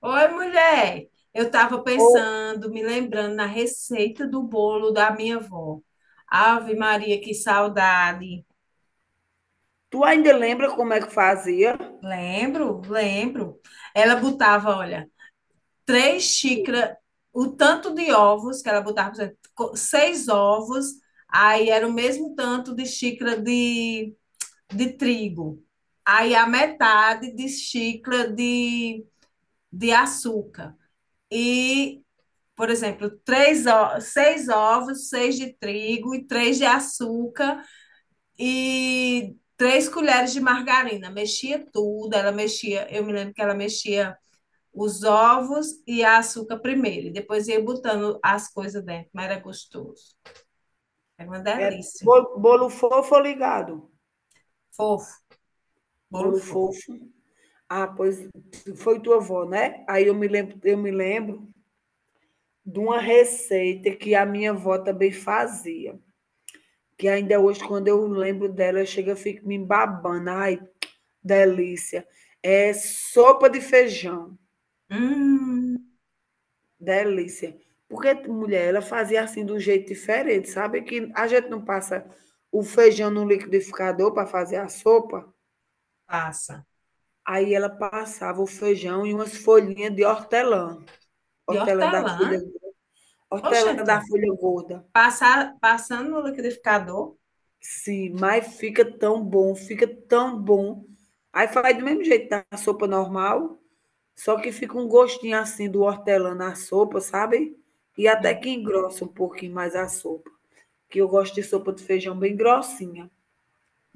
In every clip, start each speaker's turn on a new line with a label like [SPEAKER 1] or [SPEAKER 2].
[SPEAKER 1] Oi, mulher. Eu estava
[SPEAKER 2] Ô,
[SPEAKER 1] pensando, me lembrando na receita do bolo da minha avó. Ave Maria, que saudade.
[SPEAKER 2] tu ainda lembra como é que fazia?
[SPEAKER 1] Lembro, lembro. Ela botava, olha, 3 xícaras, o tanto de ovos que ela botava, por exemplo, seis ovos, aí era o mesmo tanto de xícara de trigo. Aí a metade de xícara de açúcar. E, por exemplo, seis ovos, seis de trigo e três de açúcar e 3 colheres de margarina. Mexia tudo, ela mexia, eu me lembro que ela mexia os ovos e a açúcar primeiro, e depois ia botando as coisas dentro, mas era gostoso. Era uma
[SPEAKER 2] É
[SPEAKER 1] delícia.
[SPEAKER 2] bolo, bolo fofo ou ligado?
[SPEAKER 1] Fofo, bolo
[SPEAKER 2] Bolo
[SPEAKER 1] fofo.
[SPEAKER 2] fofo. Ah, pois foi tua avó, né? Aí eu me lembro de uma receita que a minha avó também fazia, que ainda hoje quando eu lembro dela, eu chego e fico me babando, ai, delícia. É sopa de feijão.
[SPEAKER 1] Hum.
[SPEAKER 2] Delícia. Porque, mulher, ela fazia assim de um jeito diferente, sabe? Que a gente não passa o feijão no liquidificador para fazer a sopa.
[SPEAKER 1] Passa.
[SPEAKER 2] Aí ela passava o feijão e umas folhinhas de hortelã.
[SPEAKER 1] De
[SPEAKER 2] Hortelã da folha,
[SPEAKER 1] hortelã.
[SPEAKER 2] hortelã da
[SPEAKER 1] Oxente,
[SPEAKER 2] folha gorda.
[SPEAKER 1] passando no liquidificador.
[SPEAKER 2] Sim, mas fica tão bom. Aí faz do mesmo jeito da sopa normal, só que fica um gostinho assim do hortelã na sopa, sabe? E até
[SPEAKER 1] Hum.
[SPEAKER 2] que engrossa um pouquinho mais a sopa. Que eu gosto de sopa de feijão bem grossinha.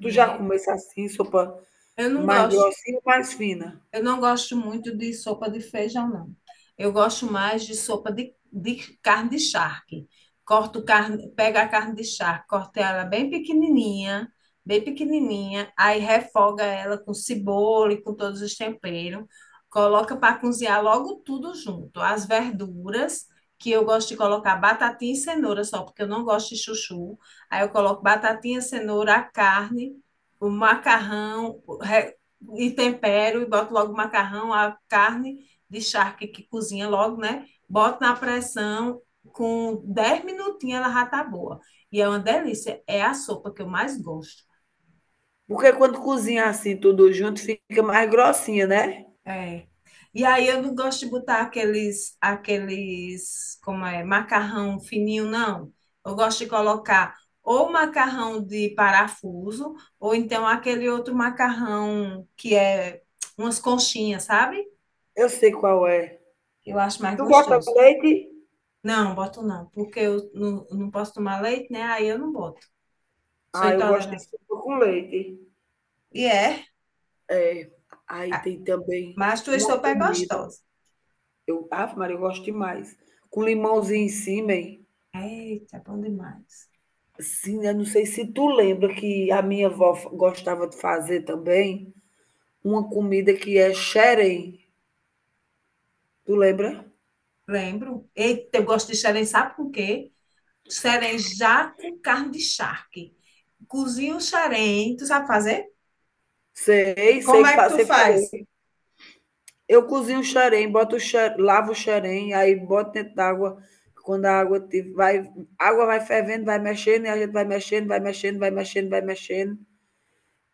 [SPEAKER 2] Tu já
[SPEAKER 1] é.
[SPEAKER 2] comesse assim, sopa
[SPEAKER 1] Eu não
[SPEAKER 2] mais
[SPEAKER 1] gosto.
[SPEAKER 2] grossinha ou mais fina?
[SPEAKER 1] Eu não gosto muito de sopa de feijão, não. Eu gosto mais de sopa de carne de charque. Corto carne, pega a carne de charque, corta ela bem pequenininha, aí refoga ela com cebola e com todos os temperos. Coloca para cozinhar logo tudo junto. As verduras, que eu gosto de colocar batatinha e cenoura só, porque eu não gosto de chuchu. Aí eu coloco batatinha, cenoura, a carne, o macarrão, e tempero, e boto logo o macarrão, a carne de charque, que cozinha logo, né? Boto na pressão, com 10 minutinhos ela já tá boa. E é uma delícia, é a sopa que eu mais gosto.
[SPEAKER 2] Porque quando cozinha assim tudo junto, fica mais grossinha, né?
[SPEAKER 1] É. E aí eu não gosto de botar aqueles, como é, macarrão fininho, não. Eu gosto de colocar ou macarrão de parafuso, ou então aquele outro macarrão que é umas conchinhas, sabe?
[SPEAKER 2] Eu sei qual é.
[SPEAKER 1] Eu acho mais
[SPEAKER 2] Tu bota
[SPEAKER 1] gostoso.
[SPEAKER 2] leite?
[SPEAKER 1] Não, boto não, porque eu não, não posso tomar leite, né? Aí eu não boto. Sou
[SPEAKER 2] Ah, eu gosto de
[SPEAKER 1] intolerante.
[SPEAKER 2] sopa com leite.
[SPEAKER 1] E é?
[SPEAKER 2] É. Aí
[SPEAKER 1] Ah,
[SPEAKER 2] tem também
[SPEAKER 1] mas tua
[SPEAKER 2] uma
[SPEAKER 1] sopa é
[SPEAKER 2] comida.
[SPEAKER 1] gostosa.
[SPEAKER 2] Eu, Ave Maria, eu gosto demais. Com limãozinho em cima, hein?
[SPEAKER 1] Eita, é bom demais.
[SPEAKER 2] Sim, eu não sei se tu lembra que a minha avó gostava de fazer também uma comida que é xerém. Tu lembra?
[SPEAKER 1] Lembro. Eita, eu gosto de xerém, sabe com o quê? Xerém já com carne de charque. Cozinha o xerém, tu sabe fazer?
[SPEAKER 2] Sei,
[SPEAKER 1] Como
[SPEAKER 2] sei que
[SPEAKER 1] é que
[SPEAKER 2] fa
[SPEAKER 1] tu
[SPEAKER 2] sei
[SPEAKER 1] faz?
[SPEAKER 2] fazer. Eu cozinho o xerém, boto o xe lavo o xerém, aí boto dentro d'água, quando a água ti vai água vai fervendo, vai mexendo, e a gente vai mexendo.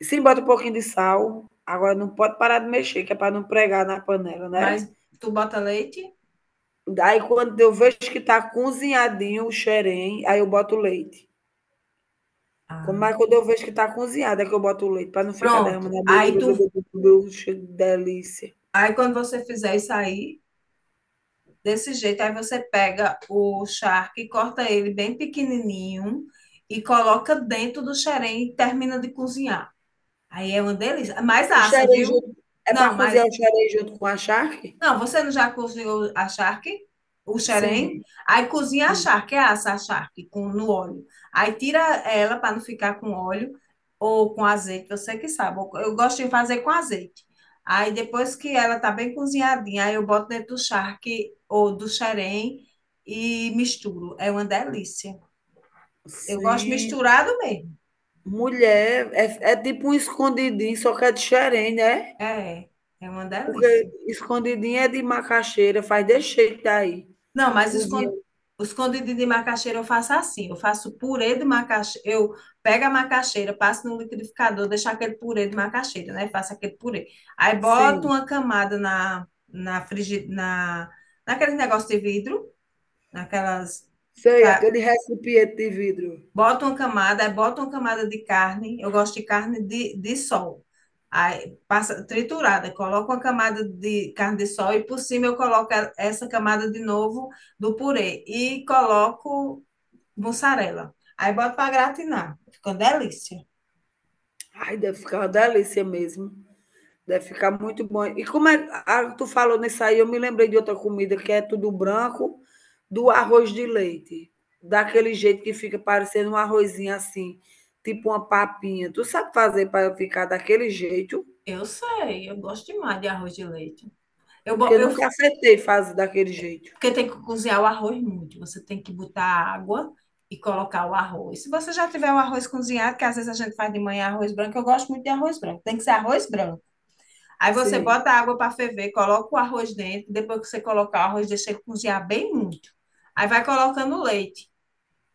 [SPEAKER 2] Sim, bota um pouquinho de sal, agora não pode parar de mexer, que é pra não pregar na panela, né.
[SPEAKER 1] Mas tu bota leite?
[SPEAKER 2] Daí quando eu vejo que tá cozinhadinho o xerém, aí eu boto o leite. Quando
[SPEAKER 1] Ah.
[SPEAKER 2] mas quando eu vejo que tá cozinhado, é que eu boto o leite, para não ficar
[SPEAKER 1] Pronto.
[SPEAKER 2] derramando. A blu, blu, blu, blu, blu, blu, blu, delícia.
[SPEAKER 1] Aí quando você fizer isso aí, desse jeito. Aí você pega o charque, corta ele bem pequenininho e coloca dentro do xerém e termina de cozinhar. Aí é uma delícia. Mais
[SPEAKER 2] O
[SPEAKER 1] assa,
[SPEAKER 2] xerém
[SPEAKER 1] viu?
[SPEAKER 2] junto é
[SPEAKER 1] Não,
[SPEAKER 2] para cozinhar
[SPEAKER 1] mas
[SPEAKER 2] o xerém junto com a charque?
[SPEAKER 1] não, você não já cozinhou a charque, o xerém?
[SPEAKER 2] Sim,
[SPEAKER 1] Aí cozinha a
[SPEAKER 2] sim,
[SPEAKER 1] charque, é assa a charque com, no óleo. Aí tira ela para não ficar com óleo ou com azeite, você que sabe. Eu gosto de fazer com azeite. Aí depois que ela tá bem cozinhadinha, aí eu boto dentro do charque ou do xerém e misturo. É uma delícia. Eu gosto
[SPEAKER 2] sim.
[SPEAKER 1] misturado mesmo.
[SPEAKER 2] Mulher, é tipo um escondidinho, só que é de xerém, né?
[SPEAKER 1] É, é uma
[SPEAKER 2] Porque
[SPEAKER 1] delícia.
[SPEAKER 2] escondidinho é de macaxeira, faz desse jeito aí
[SPEAKER 1] Não, mas
[SPEAKER 2] cozinha
[SPEAKER 1] o escondidinho de macaxeira eu faço assim. Eu faço purê de macaxeira. Eu pego a macaxeira, passo no liquidificador, deixo aquele purê de macaxeira, né? Faço aquele purê. Aí boto
[SPEAKER 2] sim.
[SPEAKER 1] uma camada naquele negócio de vidro, naquelas.
[SPEAKER 2] Sei, aquele recipiente de vidro.
[SPEAKER 1] Bota uma camada, aí bota uma camada de carne. Eu gosto de carne de sol. Aí passa triturada, coloco uma camada de carne de sol e por cima eu coloco essa camada de novo do purê e coloco mussarela. Aí boto para gratinar. Fica uma delícia.
[SPEAKER 2] Ai, deve ficar uma delícia mesmo. Deve ficar muito bom. E como é, ah, tu falou nisso aí, eu me lembrei de outra comida que é tudo branco, do arroz de leite. Daquele jeito que fica parecendo um arrozinho assim, tipo uma papinha. Tu sabe fazer para ficar daquele jeito?
[SPEAKER 1] Eu sei, eu gosto demais de arroz de leite. Eu,
[SPEAKER 2] Porque
[SPEAKER 1] bo-
[SPEAKER 2] eu
[SPEAKER 1] eu
[SPEAKER 2] nunca acertei fazer daquele jeito.
[SPEAKER 1] Porque tem que cozinhar o arroz muito. Você tem que botar água e colocar o arroz. Se você já tiver o arroz cozinhado, que às vezes a gente faz de manhã arroz branco, eu gosto muito de arroz branco. Tem que ser arroz branco. Aí você
[SPEAKER 2] Sim,
[SPEAKER 1] bota a água para ferver, coloca o arroz dentro. Depois que você colocar o arroz, deixa ele cozinhar bem muito. Aí vai colocando leite.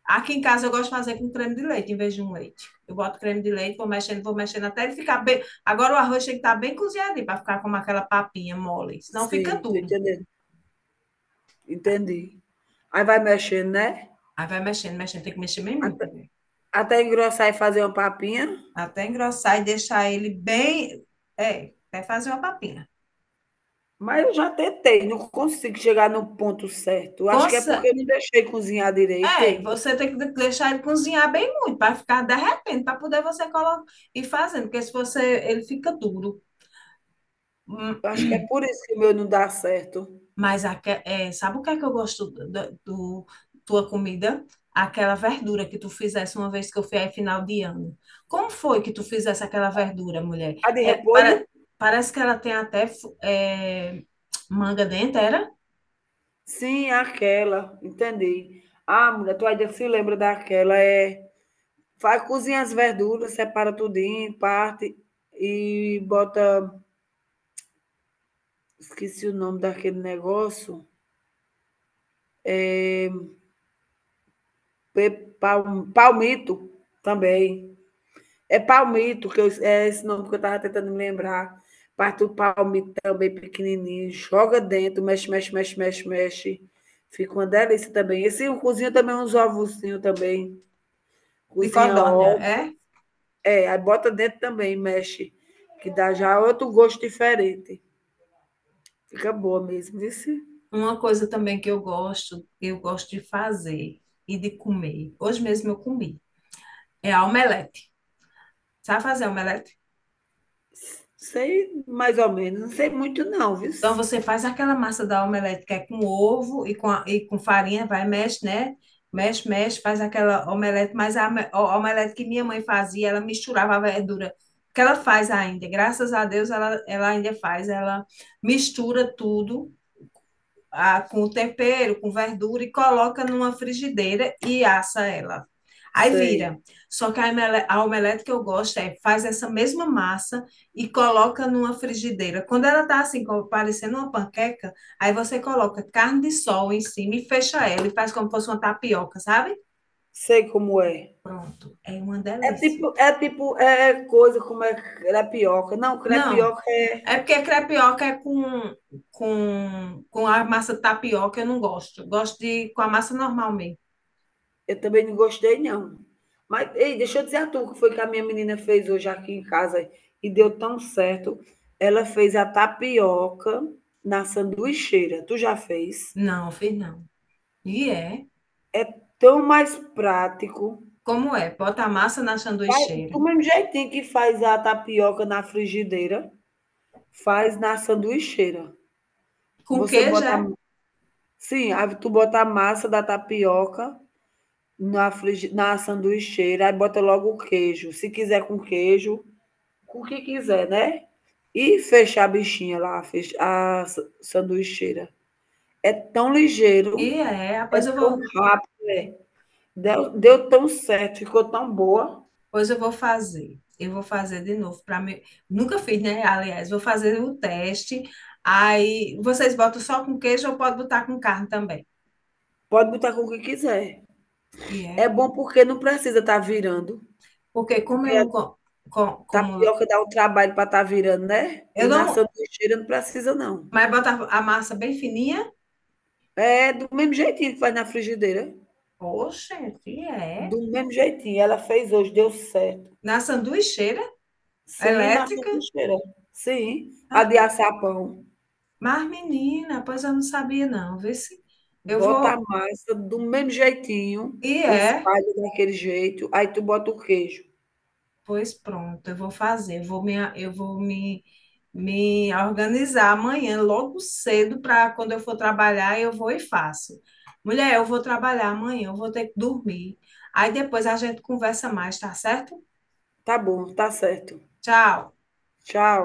[SPEAKER 1] Aqui em casa eu gosto de fazer com creme de leite em vez de um leite. Eu boto creme de leite, vou mexendo até ele ficar bem. Agora o arroz tem que estar bem cozinhadinho para ficar com aquela papinha mole. Senão fica
[SPEAKER 2] sim, tô
[SPEAKER 1] duro.
[SPEAKER 2] entendendo. Entendi. Aí vai mexendo, né?
[SPEAKER 1] Aí vai mexendo, mexendo, tem que mexer bem muito,
[SPEAKER 2] Até,
[SPEAKER 1] né?
[SPEAKER 2] até engrossar e fazer uma papinha.
[SPEAKER 1] Até engrossar e deixar ele bem. É, até fazer uma papinha.
[SPEAKER 2] Mas eu já tentei, não consigo chegar no ponto certo. Eu acho que é porque
[SPEAKER 1] Consa-
[SPEAKER 2] eu não deixei cozinhar direito,
[SPEAKER 1] É,
[SPEAKER 2] hein?
[SPEAKER 1] você tem que deixar ele cozinhar bem muito, para ficar derretendo, para poder você colocar e fazendo, porque se você. Ele fica duro. Hum,
[SPEAKER 2] Eu acho que é por isso que o meu não dá certo.
[SPEAKER 1] Mas é, sabe o que é que eu gosto da do, tua comida? Aquela verdura que tu fizesse uma vez que eu fui aí final de ano. Como foi que tu fizesse aquela verdura, mulher?
[SPEAKER 2] A de
[SPEAKER 1] É,
[SPEAKER 2] repolho?
[SPEAKER 1] para, parece que ela tem até é, manga dentro, era?
[SPEAKER 2] Sim, é aquela, entendi. Ah, mulher, tu ainda se lembra daquela, é, faz cozinha as verduras, separa tudinho, parte e bota, esqueci o nome daquele negócio, pe pal palmito também. É palmito, que eu, é esse nome que eu estava tentando me lembrar. Parte do palmito também pequenininho. Joga dentro, mexe. Fica uma delícia também. Esse eu cozinho também uns ovozinhos também.
[SPEAKER 1] De
[SPEAKER 2] Cozinha
[SPEAKER 1] codorna,
[SPEAKER 2] ovo.
[SPEAKER 1] é?
[SPEAKER 2] É, aí bota dentro também, mexe. Que dá já outro gosto diferente. Fica boa mesmo, viu?
[SPEAKER 1] Uma coisa também que eu gosto de fazer e de comer. Hoje mesmo eu comi. É a omelete. Sabe fazer omelete?
[SPEAKER 2] Sei mais ou menos. Não sei muito não, viu?
[SPEAKER 1] Então você faz aquela massa da omelete que é com ovo e e com farinha, vai, mexe, né? Mexe, mexe, faz aquela omelete, mas a omelete que minha mãe fazia, ela misturava a verdura. Que ela faz ainda, graças a Deus, ela ainda faz, ela mistura tudo com o tempero, com verdura e coloca numa frigideira e assa ela. Aí
[SPEAKER 2] Sei.
[SPEAKER 1] vira. Só que a omelete que eu gosto é faz essa mesma massa e coloca numa frigideira. Quando ela tá assim, como parecendo uma panqueca, aí você coloca carne de sol em cima e fecha ela e faz como fosse uma tapioca, sabe?
[SPEAKER 2] Sei como é.
[SPEAKER 1] Pronto, é uma
[SPEAKER 2] É tipo,
[SPEAKER 1] delícia.
[SPEAKER 2] é tipo, é é coisa como é crepioca. Não,
[SPEAKER 1] Não,
[SPEAKER 2] crepioca.
[SPEAKER 1] é porque crepioca é com a massa tapioca, eu não gosto. Eu gosto de com a massa normal mesmo.
[SPEAKER 2] Eu também não gostei, não. Mas, ei, deixa eu dizer a tu o que foi que a minha menina fez hoje aqui em casa e deu tão certo. Ela fez a tapioca na sanduicheira. Tu já fez?
[SPEAKER 1] Não, fiz não. E é.
[SPEAKER 2] Tão mais prático.
[SPEAKER 1] Como é? Bota a massa na sanduicheira.
[SPEAKER 2] Do mesmo jeitinho que faz a tapioca na frigideira, faz na sanduicheira.
[SPEAKER 1] Com
[SPEAKER 2] Você
[SPEAKER 1] queijo,
[SPEAKER 2] bota.
[SPEAKER 1] é?
[SPEAKER 2] Sim, aí tu bota a massa da tapioca na sanduicheira, aí bota logo o queijo. Se quiser com queijo, com o que quiser, né? E fechar a bichinha lá, a sanduicheira. É tão
[SPEAKER 1] E
[SPEAKER 2] ligeiro,
[SPEAKER 1] é. Ah.
[SPEAKER 2] é tão rápido, é. Deu tão certo, ficou tão boa.
[SPEAKER 1] Pois eu vou fazer. Eu vou fazer de novo para mim. Nunca fiz, né? Aliás, vou fazer o teste. Aí vocês botam só com queijo ou pode botar com carne também.
[SPEAKER 2] Pode botar com o que quiser.
[SPEAKER 1] E
[SPEAKER 2] É
[SPEAKER 1] é.
[SPEAKER 2] bom porque não precisa estar virando.
[SPEAKER 1] Porque como
[SPEAKER 2] Porque
[SPEAKER 1] eu
[SPEAKER 2] a
[SPEAKER 1] não co- co- como
[SPEAKER 2] tapioca dá o trabalho para estar virando, né?
[SPEAKER 1] eu
[SPEAKER 2] E na
[SPEAKER 1] não,
[SPEAKER 2] sanduicheira não precisa, não.
[SPEAKER 1] mas bota a massa bem fininha.
[SPEAKER 2] É do mesmo jeitinho que faz na frigideira.
[SPEAKER 1] Poxa, e é.
[SPEAKER 2] Do mesmo jeitinho. Ela fez hoje, deu certo.
[SPEAKER 1] Na sanduicheira
[SPEAKER 2] Sim, na
[SPEAKER 1] elétrica.
[SPEAKER 2] sanduicheira. Sim. A de assar pão.
[SPEAKER 1] Mas, menina, pois eu não sabia não, vê se eu
[SPEAKER 2] Bota
[SPEAKER 1] vou
[SPEAKER 2] a massa do mesmo jeitinho
[SPEAKER 1] e
[SPEAKER 2] e
[SPEAKER 1] é,
[SPEAKER 2] espalha daquele jeito, aí tu bota o queijo.
[SPEAKER 1] pois pronto, eu vou fazer, eu vou me organizar amanhã, logo cedo, para quando eu for trabalhar, eu vou e faço. Mulher, eu vou trabalhar amanhã, eu vou ter que dormir. Aí depois a gente conversa mais, tá certo?
[SPEAKER 2] Tá bom, tá certo.
[SPEAKER 1] Tchau.
[SPEAKER 2] Tchau.